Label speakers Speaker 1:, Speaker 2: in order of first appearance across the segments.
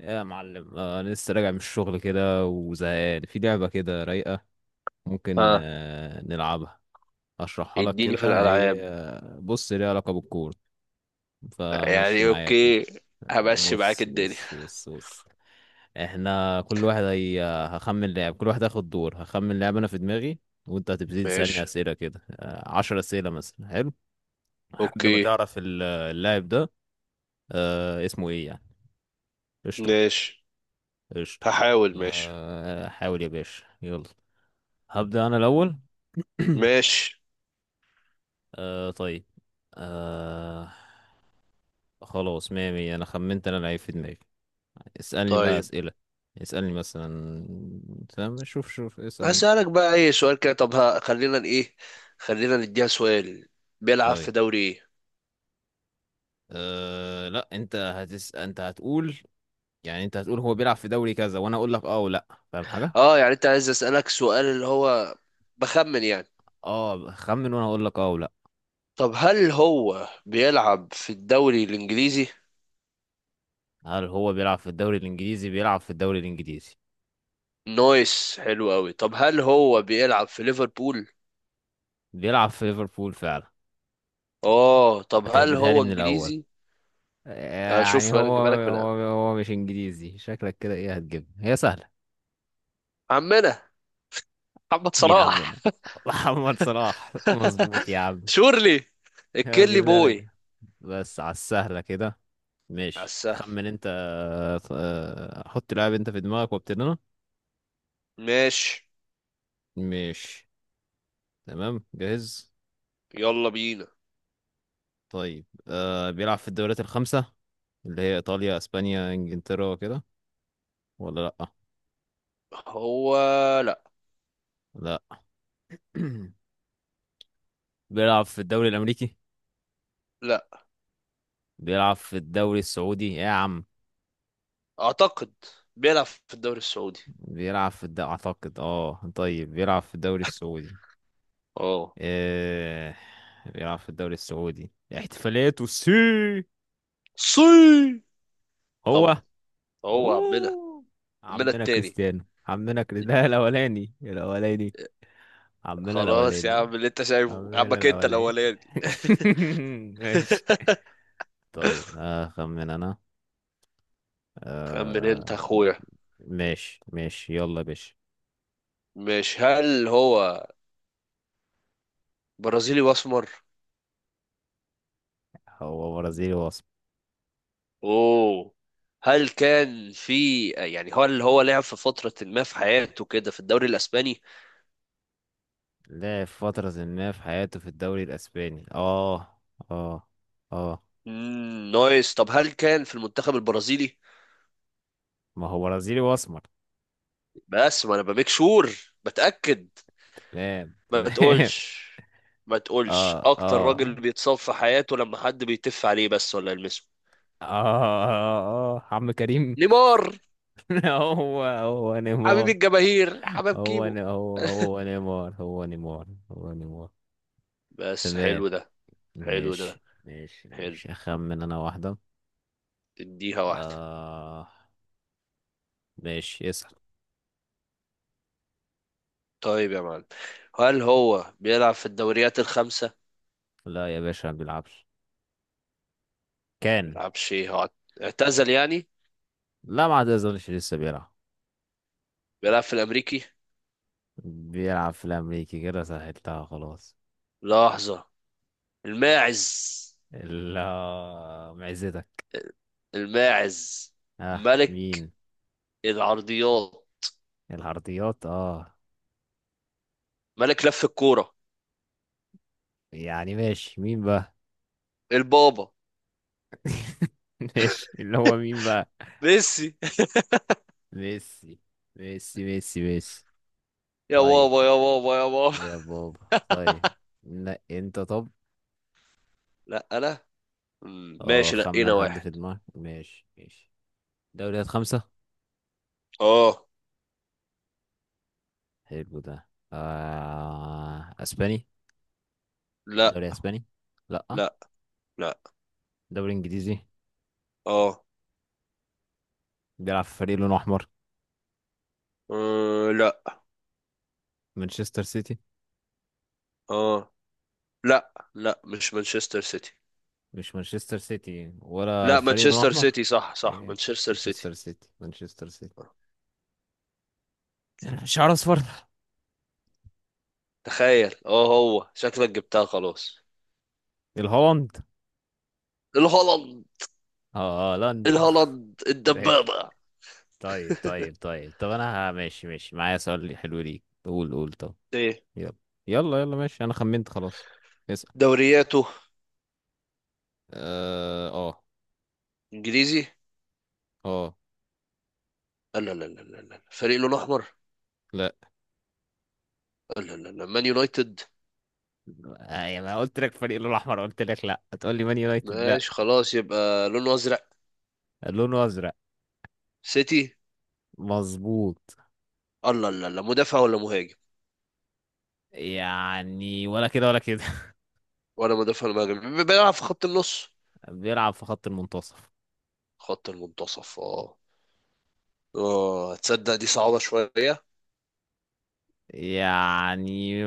Speaker 1: يا معلم، انا لسه راجع من الشغل كده وزهقان في لعبة كده رايقة. ممكن
Speaker 2: ها،
Speaker 1: نلعبها. اشرحها لك
Speaker 2: اديني في
Speaker 1: كده،
Speaker 2: الالعاب.
Speaker 1: هي بص ليها علاقة بالكورة. فماشي
Speaker 2: يعني
Speaker 1: معايا كده.
Speaker 2: اوكي، همشي معاك
Speaker 1: بص
Speaker 2: الدنيا.
Speaker 1: بص بص بص. احنا كل واحد هي. هخمن لعب، كل واحد هياخد دور، هخمن لعب انا في دماغي. وانت هتبتدي تسألني
Speaker 2: ماشي،
Speaker 1: اسئلة كده، 10 اسئلة مثلا. حلو. لحد ما
Speaker 2: اوكي،
Speaker 1: تعرف اللاعب ده. اسمه ايه يعني؟ قشطة.
Speaker 2: ماشي،
Speaker 1: قشطة.
Speaker 2: هحاول، ماشي
Speaker 1: حاول يا باشا، يلا. هبدأ أنا الأول.
Speaker 2: ماشي.
Speaker 1: طيب. آه. خلاص، مية مية، أنا خمنت. أنا لعيب في دماغي. اسألني بقى
Speaker 2: طيب
Speaker 1: أسئلة. اسألني مثلا. تمام، شوف شوف، اسأل أنت كده.
Speaker 2: هسألك بقى اي سؤال كده. طب ها، خلينا ايه، خلينا نديها سؤال: بيلعب
Speaker 1: طيب،
Speaker 2: في دوري ايه؟
Speaker 1: لا، أنت هتقول. يعني أنت هتقول هو بيلعب في دوري كذا، وأنا أقول لك أه ولا، فاهم حاجة؟
Speaker 2: اه يعني انت عايز اسألك سؤال اللي هو بخمن يعني.
Speaker 1: أه، خمن، وأنا أقول لك أه ولا.
Speaker 2: طب هل هو بيلعب في الدوري الانجليزي؟
Speaker 1: هل هو بيلعب في الدوري الإنجليزي؟ بيلعب في الدوري الإنجليزي.
Speaker 2: نايس، حلو قوي. طب هل هو بيلعب في ليفربول؟
Speaker 1: بيلعب في ليفربول فعلا.
Speaker 2: اه طب هل
Speaker 1: هتهبدها لي
Speaker 2: هو
Speaker 1: من الأول.
Speaker 2: انجليزي؟
Speaker 1: يعني
Speaker 2: شوف
Speaker 1: هو.
Speaker 2: بالك بالك في
Speaker 1: هو.
Speaker 2: الآن.
Speaker 1: هو مش انجليزي، شكلك كده ايه، هتجيبها هي سهله.
Speaker 2: عمنا محمد
Speaker 1: بيلعب
Speaker 2: صلاح،
Speaker 1: منها. محمد صلاح. مظبوط يا عم.
Speaker 2: شورلي،
Speaker 1: هو،
Speaker 2: الكيلي
Speaker 1: جبتها لك.
Speaker 2: بوي.
Speaker 1: بس على السهله كده.
Speaker 2: على
Speaker 1: ماشي،
Speaker 2: السهل،
Speaker 1: تخمن انت. حط لاعب انت في دماغك وابتدي انا.
Speaker 2: ماشي.
Speaker 1: ماشي. تمام، جاهز.
Speaker 2: يلا بينا.
Speaker 1: طيب، بيلعب في الدوريات الخمسه، اللي هي ايطاليا، اسبانيا، انجلترا، كده، ولا لا؟
Speaker 2: هو لا
Speaker 1: لا. بيلعب في الدوري الامريكي؟
Speaker 2: لا،
Speaker 1: بيلعب في الدوري السعودي يا عم.
Speaker 2: اعتقد بيلعب في الدوري السعودي.
Speaker 1: اعتقد، طيب بيلعب في الدوري السعودي.
Speaker 2: اه،
Speaker 1: إيه، بيلعب في الدوري السعودي. احتفالاته سي.
Speaker 2: سي،
Speaker 1: هو.
Speaker 2: طبعا، هو عمنا.
Speaker 1: اوه،
Speaker 2: عمنا
Speaker 1: عمنا
Speaker 2: التاني.
Speaker 1: كريستيانو، عمنا كريستيانو ده، الاولاني الاولاني. عمنا
Speaker 2: خلاص يا
Speaker 1: الاولاني.
Speaker 2: عم، اللي انت شايفه
Speaker 1: عمنا
Speaker 2: عمك انت
Speaker 1: الاولاني.
Speaker 2: الاولاني.
Speaker 1: ماشي. طيب، اخمن انا.
Speaker 2: خمن انت
Speaker 1: آه...
Speaker 2: اخويا.
Speaker 1: ماشي ماشي، يلا يا باشا.
Speaker 2: مش هل هو برازيلي واسمر؟
Speaker 1: هو برازيلي واصل.
Speaker 2: اوه. هل كان في، يعني هو اللي هو لعب في فترة ما في حياته كده في الدوري الاسباني؟
Speaker 1: لعب فترة ما في حياته في الدوري الأسباني، اه. اه. اه.
Speaker 2: نايس. طب هل كان في المنتخب البرازيلي؟
Speaker 1: ما هو برازيلي وأسمر.
Speaker 2: بس ما انا بميك شور، بتأكد.
Speaker 1: تمام
Speaker 2: ما
Speaker 1: تمام.
Speaker 2: تقولش، ما تقولش
Speaker 1: اه
Speaker 2: اكتر
Speaker 1: اه
Speaker 2: راجل
Speaker 1: اه.
Speaker 2: بيتصاب في حياته لما حد بيتف عليه بس ولا يلمسه.
Speaker 1: اه اه، عم كريم.
Speaker 2: نيمار،
Speaker 1: هو
Speaker 2: حبيب
Speaker 1: نيمار.
Speaker 2: الجماهير، حبيب كيمو.
Speaker 1: هو هو نيمار، هو نيمار. هو نيمار.
Speaker 2: بس
Speaker 1: تمام.
Speaker 2: حلو ده. حلو ده،
Speaker 1: ماشي ماشي
Speaker 2: حلو.
Speaker 1: ماشي، أخمن أنا واحدة.
Speaker 2: تديها واحدة.
Speaker 1: آه ماشي، اسأل.
Speaker 2: طيب يا معلم، هل هو بيلعب في الدوريات الخمسة؟
Speaker 1: لا يا باشا، ما بيلعبش. كان.
Speaker 2: بيلعبش ايه هو، اعتزل يعني؟
Speaker 1: لا، ما اظنش، لسه بيلعب.
Speaker 2: بيلعب في الامريكي.
Speaker 1: بيلعب في الأمريكي، كده سهلتها، خلاص.
Speaker 2: لحظة. الماعز.
Speaker 1: لا. معزتك.
Speaker 2: الماعز
Speaker 1: اه،
Speaker 2: ملك
Speaker 1: مين؟
Speaker 2: العرضيات،
Speaker 1: العرضيات، اه.
Speaker 2: ملك لف الكورة.
Speaker 1: يعني ماشي، مين بقى؟
Speaker 2: البابا.
Speaker 1: ماشي، اللي هو مين بقى؟
Speaker 2: ميسي.
Speaker 1: ميسي. ميسي ميسي ميسي.
Speaker 2: يا
Speaker 1: طيب.
Speaker 2: بابا، يا بابا، يا بابا.
Speaker 1: يا بابا، طيب. لا انت، طب.
Speaker 2: لا انا.
Speaker 1: اه،
Speaker 2: ماشي، لقينا
Speaker 1: خمن حد
Speaker 2: واحد.
Speaker 1: في دماغك، ماشي ماشي. دوريات خمسة؟
Speaker 2: اه.
Speaker 1: حلو ده. اسباني؟
Speaker 2: لا
Speaker 1: دوري اسباني؟ لا.
Speaker 2: لا لا.
Speaker 1: دوري انجليزي؟
Speaker 2: اه.
Speaker 1: بيلعب في فريق لونه احمر؟
Speaker 2: لا.
Speaker 1: مانشستر سيتي؟
Speaker 2: اه، لا لا مش مانشستر سيتي.
Speaker 1: مش مانشستر سيتي ولا
Speaker 2: لا،
Speaker 1: فريق لون
Speaker 2: مانشستر
Speaker 1: احمر؟
Speaker 2: سيتي، صح صح،
Speaker 1: إيه،
Speaker 2: مانشستر سيتي.
Speaker 1: مانشستر سيتي، مانشستر سيتي. شعر اصفر.
Speaker 2: تخيل، اه هو شكلك جبتها خلاص.
Speaker 1: الهولند.
Speaker 2: الهولند.
Speaker 1: اه، هولندا.
Speaker 2: الهولند
Speaker 1: ماشي.
Speaker 2: الدبابة.
Speaker 1: طيب طيب طيب طب، انا ماشي ماشي، معايا سؤال حلو ليك، قول قول، طب.
Speaker 2: ايه
Speaker 1: يلا. يلا يلا، ماشي، انا خمنت، خلاص. اسأل.
Speaker 2: دورياته؟
Speaker 1: اه اه.
Speaker 2: انجليزي.
Speaker 1: آه،
Speaker 2: لا لا لا لا لا، فريق لونه احمر.
Speaker 1: لا
Speaker 2: لا لا لا، مان يونايتد.
Speaker 1: يا ما قلت لك فريق لون احمر، قلت لك لا، هتقول لي مان يونايتد لا.
Speaker 2: ماشي، خلاص، يبقى لونه ازرق.
Speaker 1: لونه ازرق.
Speaker 2: سيتي.
Speaker 1: مظبوط.
Speaker 2: الله، لا لا، مدافع ولا مهاجم؟
Speaker 1: يعني، ولا كده ولا كده.
Speaker 2: ولا مدافع ولا مهاجم، بيلعب في خط النص.
Speaker 1: بيلعب في خط المنتصف.
Speaker 2: خط المنتصف، اه. اه تصدق دي صعبة شوية.
Speaker 1: يعني.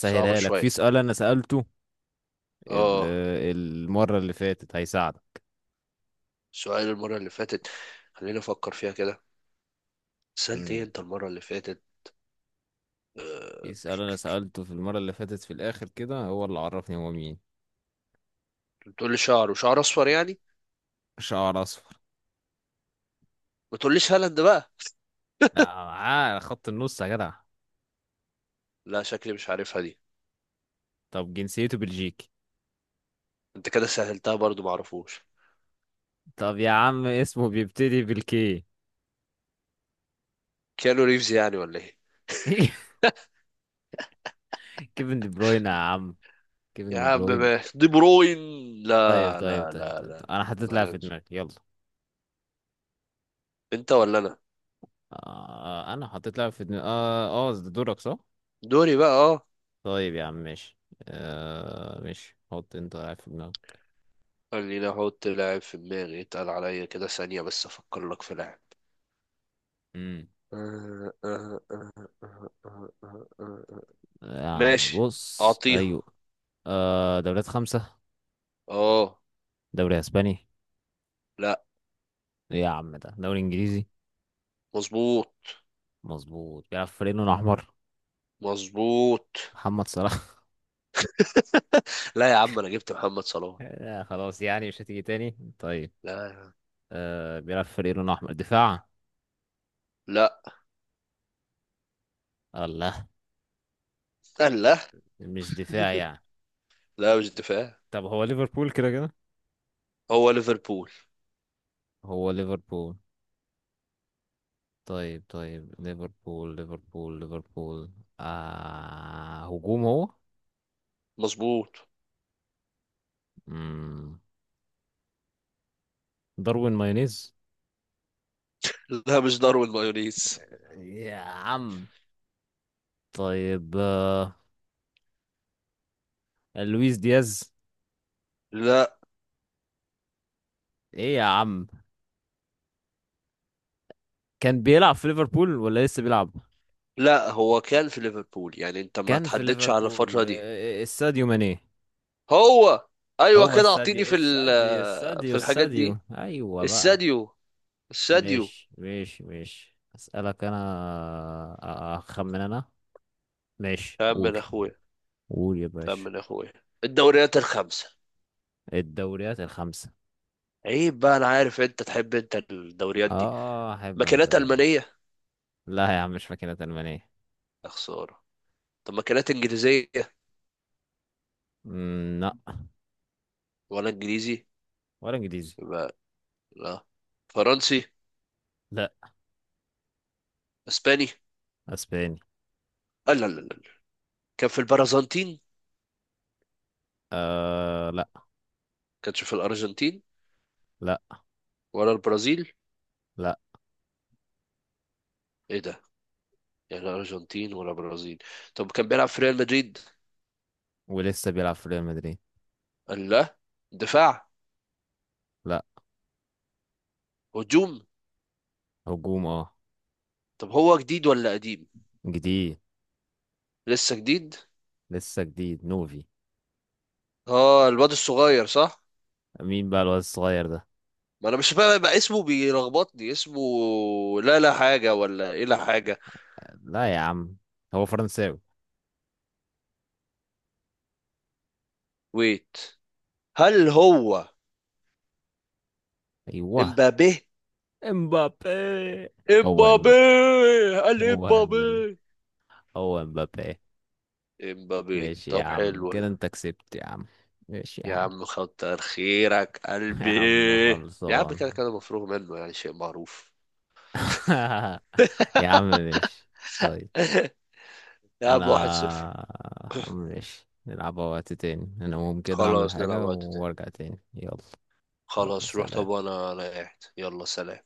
Speaker 2: صعبة
Speaker 1: لك، في
Speaker 2: شوية،
Speaker 1: سؤال انا سألته ال-
Speaker 2: اه.
Speaker 1: المرة اللي فاتت هيساعدك.
Speaker 2: سؤال المرة اللي فاتت، خليني افكر فيها كده. سألت ايه
Speaker 1: امم
Speaker 2: انت المرة اللي فاتت؟
Speaker 1: في
Speaker 2: آه،
Speaker 1: سؤال انا سألته في المرة اللي فاتت في الاخر، كده هو اللي عرفني هو مين.
Speaker 2: بتقول لي شعر، وشعر اصفر يعني.
Speaker 1: شعر اصفر.
Speaker 2: ما تقوليش هالاند بقى.
Speaker 1: لا، معاه خط النص يا جدع.
Speaker 2: لا شكلي مش عارفها دي.
Speaker 1: طب، جنسيته بلجيكي.
Speaker 2: انت كده سهلتها برضو، معرفوش.
Speaker 1: طب يا عم، اسمه بيبتدي بالكي.
Speaker 2: كيانو ريفز يعني ولا ايه؟
Speaker 1: كيفن دي بروين يا عم. كيفن
Speaker 2: يا
Speaker 1: دي
Speaker 2: عم،
Speaker 1: بروين.
Speaker 2: دي بروين.
Speaker 1: طيب
Speaker 2: لا
Speaker 1: طيب
Speaker 2: لا
Speaker 1: طيب
Speaker 2: لا
Speaker 1: طيب،
Speaker 2: لا.
Speaker 1: طيب، انا حطيت
Speaker 2: ما
Speaker 1: لها في
Speaker 2: لنش.
Speaker 1: دماغي، يلا.
Speaker 2: انت ولا انا؟
Speaker 1: آه. انا حطيت لها في دماغي، اه اه، ده دورك صح؟
Speaker 2: دوري بقى اه.
Speaker 1: طيب يا عم، ماشي. ماشي، حط انت لاعب في دماغك.
Speaker 2: خليني احط لاعب في دماغي، اتقل عليا كده ثانية بس افكر لك في لاعب.
Speaker 1: امم يعني،
Speaker 2: ماشي،
Speaker 1: بص،
Speaker 2: اعطيها.
Speaker 1: ايوه. دوريات خمسة؟
Speaker 2: اه.
Speaker 1: دوري اسباني؟
Speaker 2: لا.
Speaker 1: ايه يا عم، ده دوري انجليزي؟
Speaker 2: مظبوط.
Speaker 1: مظبوط. بيلعب في فريق لونه احمر؟
Speaker 2: مظبوط.
Speaker 1: محمد صلاح؟
Speaker 2: لا يا عم، انا جبت محمد صلاح.
Speaker 1: لا خلاص، يعني مش هتيجي تاني، طيب.
Speaker 2: لا.
Speaker 1: بيلعب في فريق لونه احمر، دفاع؟
Speaker 2: لا
Speaker 1: الله.
Speaker 2: لا
Speaker 1: مش دفاع يعني؟
Speaker 2: لا، مش دفاع.
Speaker 1: طب، هو ليفربول كده كده؟
Speaker 2: هو ليفربول.
Speaker 1: هو ليفربول. طيب طيب، ليفربول ليفربول ليفربول. هجوم، هو؟
Speaker 2: مظبوط.
Speaker 1: مم. داروين مايونيز؟
Speaker 2: لا مش داروين مايونيز.
Speaker 1: يا عم. طيب، لويس دياز؟
Speaker 2: لا.
Speaker 1: ايه يا عم. كان بيلعب في ليفربول ولا لسه بيلعب؟
Speaker 2: لا، هو كان في ليفربول يعني، انت ما
Speaker 1: كان في
Speaker 2: تحددش على
Speaker 1: ليفربول،
Speaker 2: الفترة دي.
Speaker 1: الساديو ماني.
Speaker 2: هو. ايوه
Speaker 1: هو
Speaker 2: كده،
Speaker 1: الساديو،
Speaker 2: اعطيني في
Speaker 1: الساديو الساديو
Speaker 2: في الحاجات
Speaker 1: الساديو،
Speaker 2: دي.
Speaker 1: ايوه بقى.
Speaker 2: الساديو، الساديو.
Speaker 1: ماشي ماشي ماشي، اسالك انا. اخمن انا. ماشي،
Speaker 2: يا عم
Speaker 1: قول.
Speaker 2: من اخويا.
Speaker 1: قول يا
Speaker 2: يا عم
Speaker 1: باشا.
Speaker 2: من اخويا، الدوريات الخمسة.
Speaker 1: الدوريات الخمسة؟
Speaker 2: عيب بقى، انا عارف انت تحب انت الدوريات دي.
Speaker 1: اه، احب انا
Speaker 2: مكانات
Speaker 1: الدوريات دي.
Speaker 2: المانية.
Speaker 1: لا يا عم، مش فاكرة ألمانية.
Speaker 2: يا خسارة. طب مكانات انجليزية؟
Speaker 1: لا.
Speaker 2: ولا انجليزي.
Speaker 1: ولا انجليزي.
Speaker 2: يبقى، لا، فرنسي.
Speaker 1: لا.
Speaker 2: اسباني.
Speaker 1: اسباني.
Speaker 2: آه، لا لا لا لا. كان في البرازنتين؟
Speaker 1: لا
Speaker 2: كانش في الارجنتين
Speaker 1: لا
Speaker 2: ولا البرازيل؟
Speaker 1: لا.
Speaker 2: ايه ده، يعني لا ارجنتين ولا برازيل. طب كان بيلعب في ريال مدريد؟
Speaker 1: ولسه بيلعب في ريال مدريد.
Speaker 2: قال لا. دفاع؟
Speaker 1: لا.
Speaker 2: هجوم.
Speaker 1: هجوم، اه.
Speaker 2: طب هو جديد ولا قديم؟
Speaker 1: جديد.
Speaker 2: لسه جديد.
Speaker 1: لسه جديد، نوفي.
Speaker 2: اه الواد الصغير، صح؟
Speaker 1: مين بقى الواد الصغير ده؟
Speaker 2: ما انا مش فاهم بقى اسمه، بيلخبطني اسمه. لا لا حاجة ولا ايه؟ لا حاجة.
Speaker 1: لا يا عم. هو فرنساوي.
Speaker 2: ويت، هل هو
Speaker 1: ايوه.
Speaker 2: امبابي؟
Speaker 1: امبابي. هو
Speaker 2: امبابي.
Speaker 1: امبابي.
Speaker 2: قال
Speaker 1: هو امبابي.
Speaker 2: امبابي.
Speaker 1: هو امبابي.
Speaker 2: امبابي
Speaker 1: ماشي يا
Speaker 2: طب،
Speaker 1: عم،
Speaker 2: حلو.
Speaker 1: كده انت كسبت يا عم. ماشي يا
Speaker 2: يا
Speaker 1: عم.
Speaker 2: عم كتر خيرك
Speaker 1: يا
Speaker 2: قلبي.
Speaker 1: عم
Speaker 2: يا عم كده
Speaker 1: خلصان.
Speaker 2: كده، مفروغ منه، يعني شيء معروف.
Speaker 1: يا عم، ماشي. طيب.
Speaker 2: يا عم، 1-0.
Speaker 1: انا. ماشي، نلعب وقت تاني، انا ممكن كده اعمل
Speaker 2: خلاص نلعب
Speaker 1: حاجة
Speaker 2: وقت تاني.
Speaker 1: وارجع تاني، يلا. يلا
Speaker 2: خلاص روح، طب
Speaker 1: سلام.
Speaker 2: وانا انا قاعد. يلا سلام.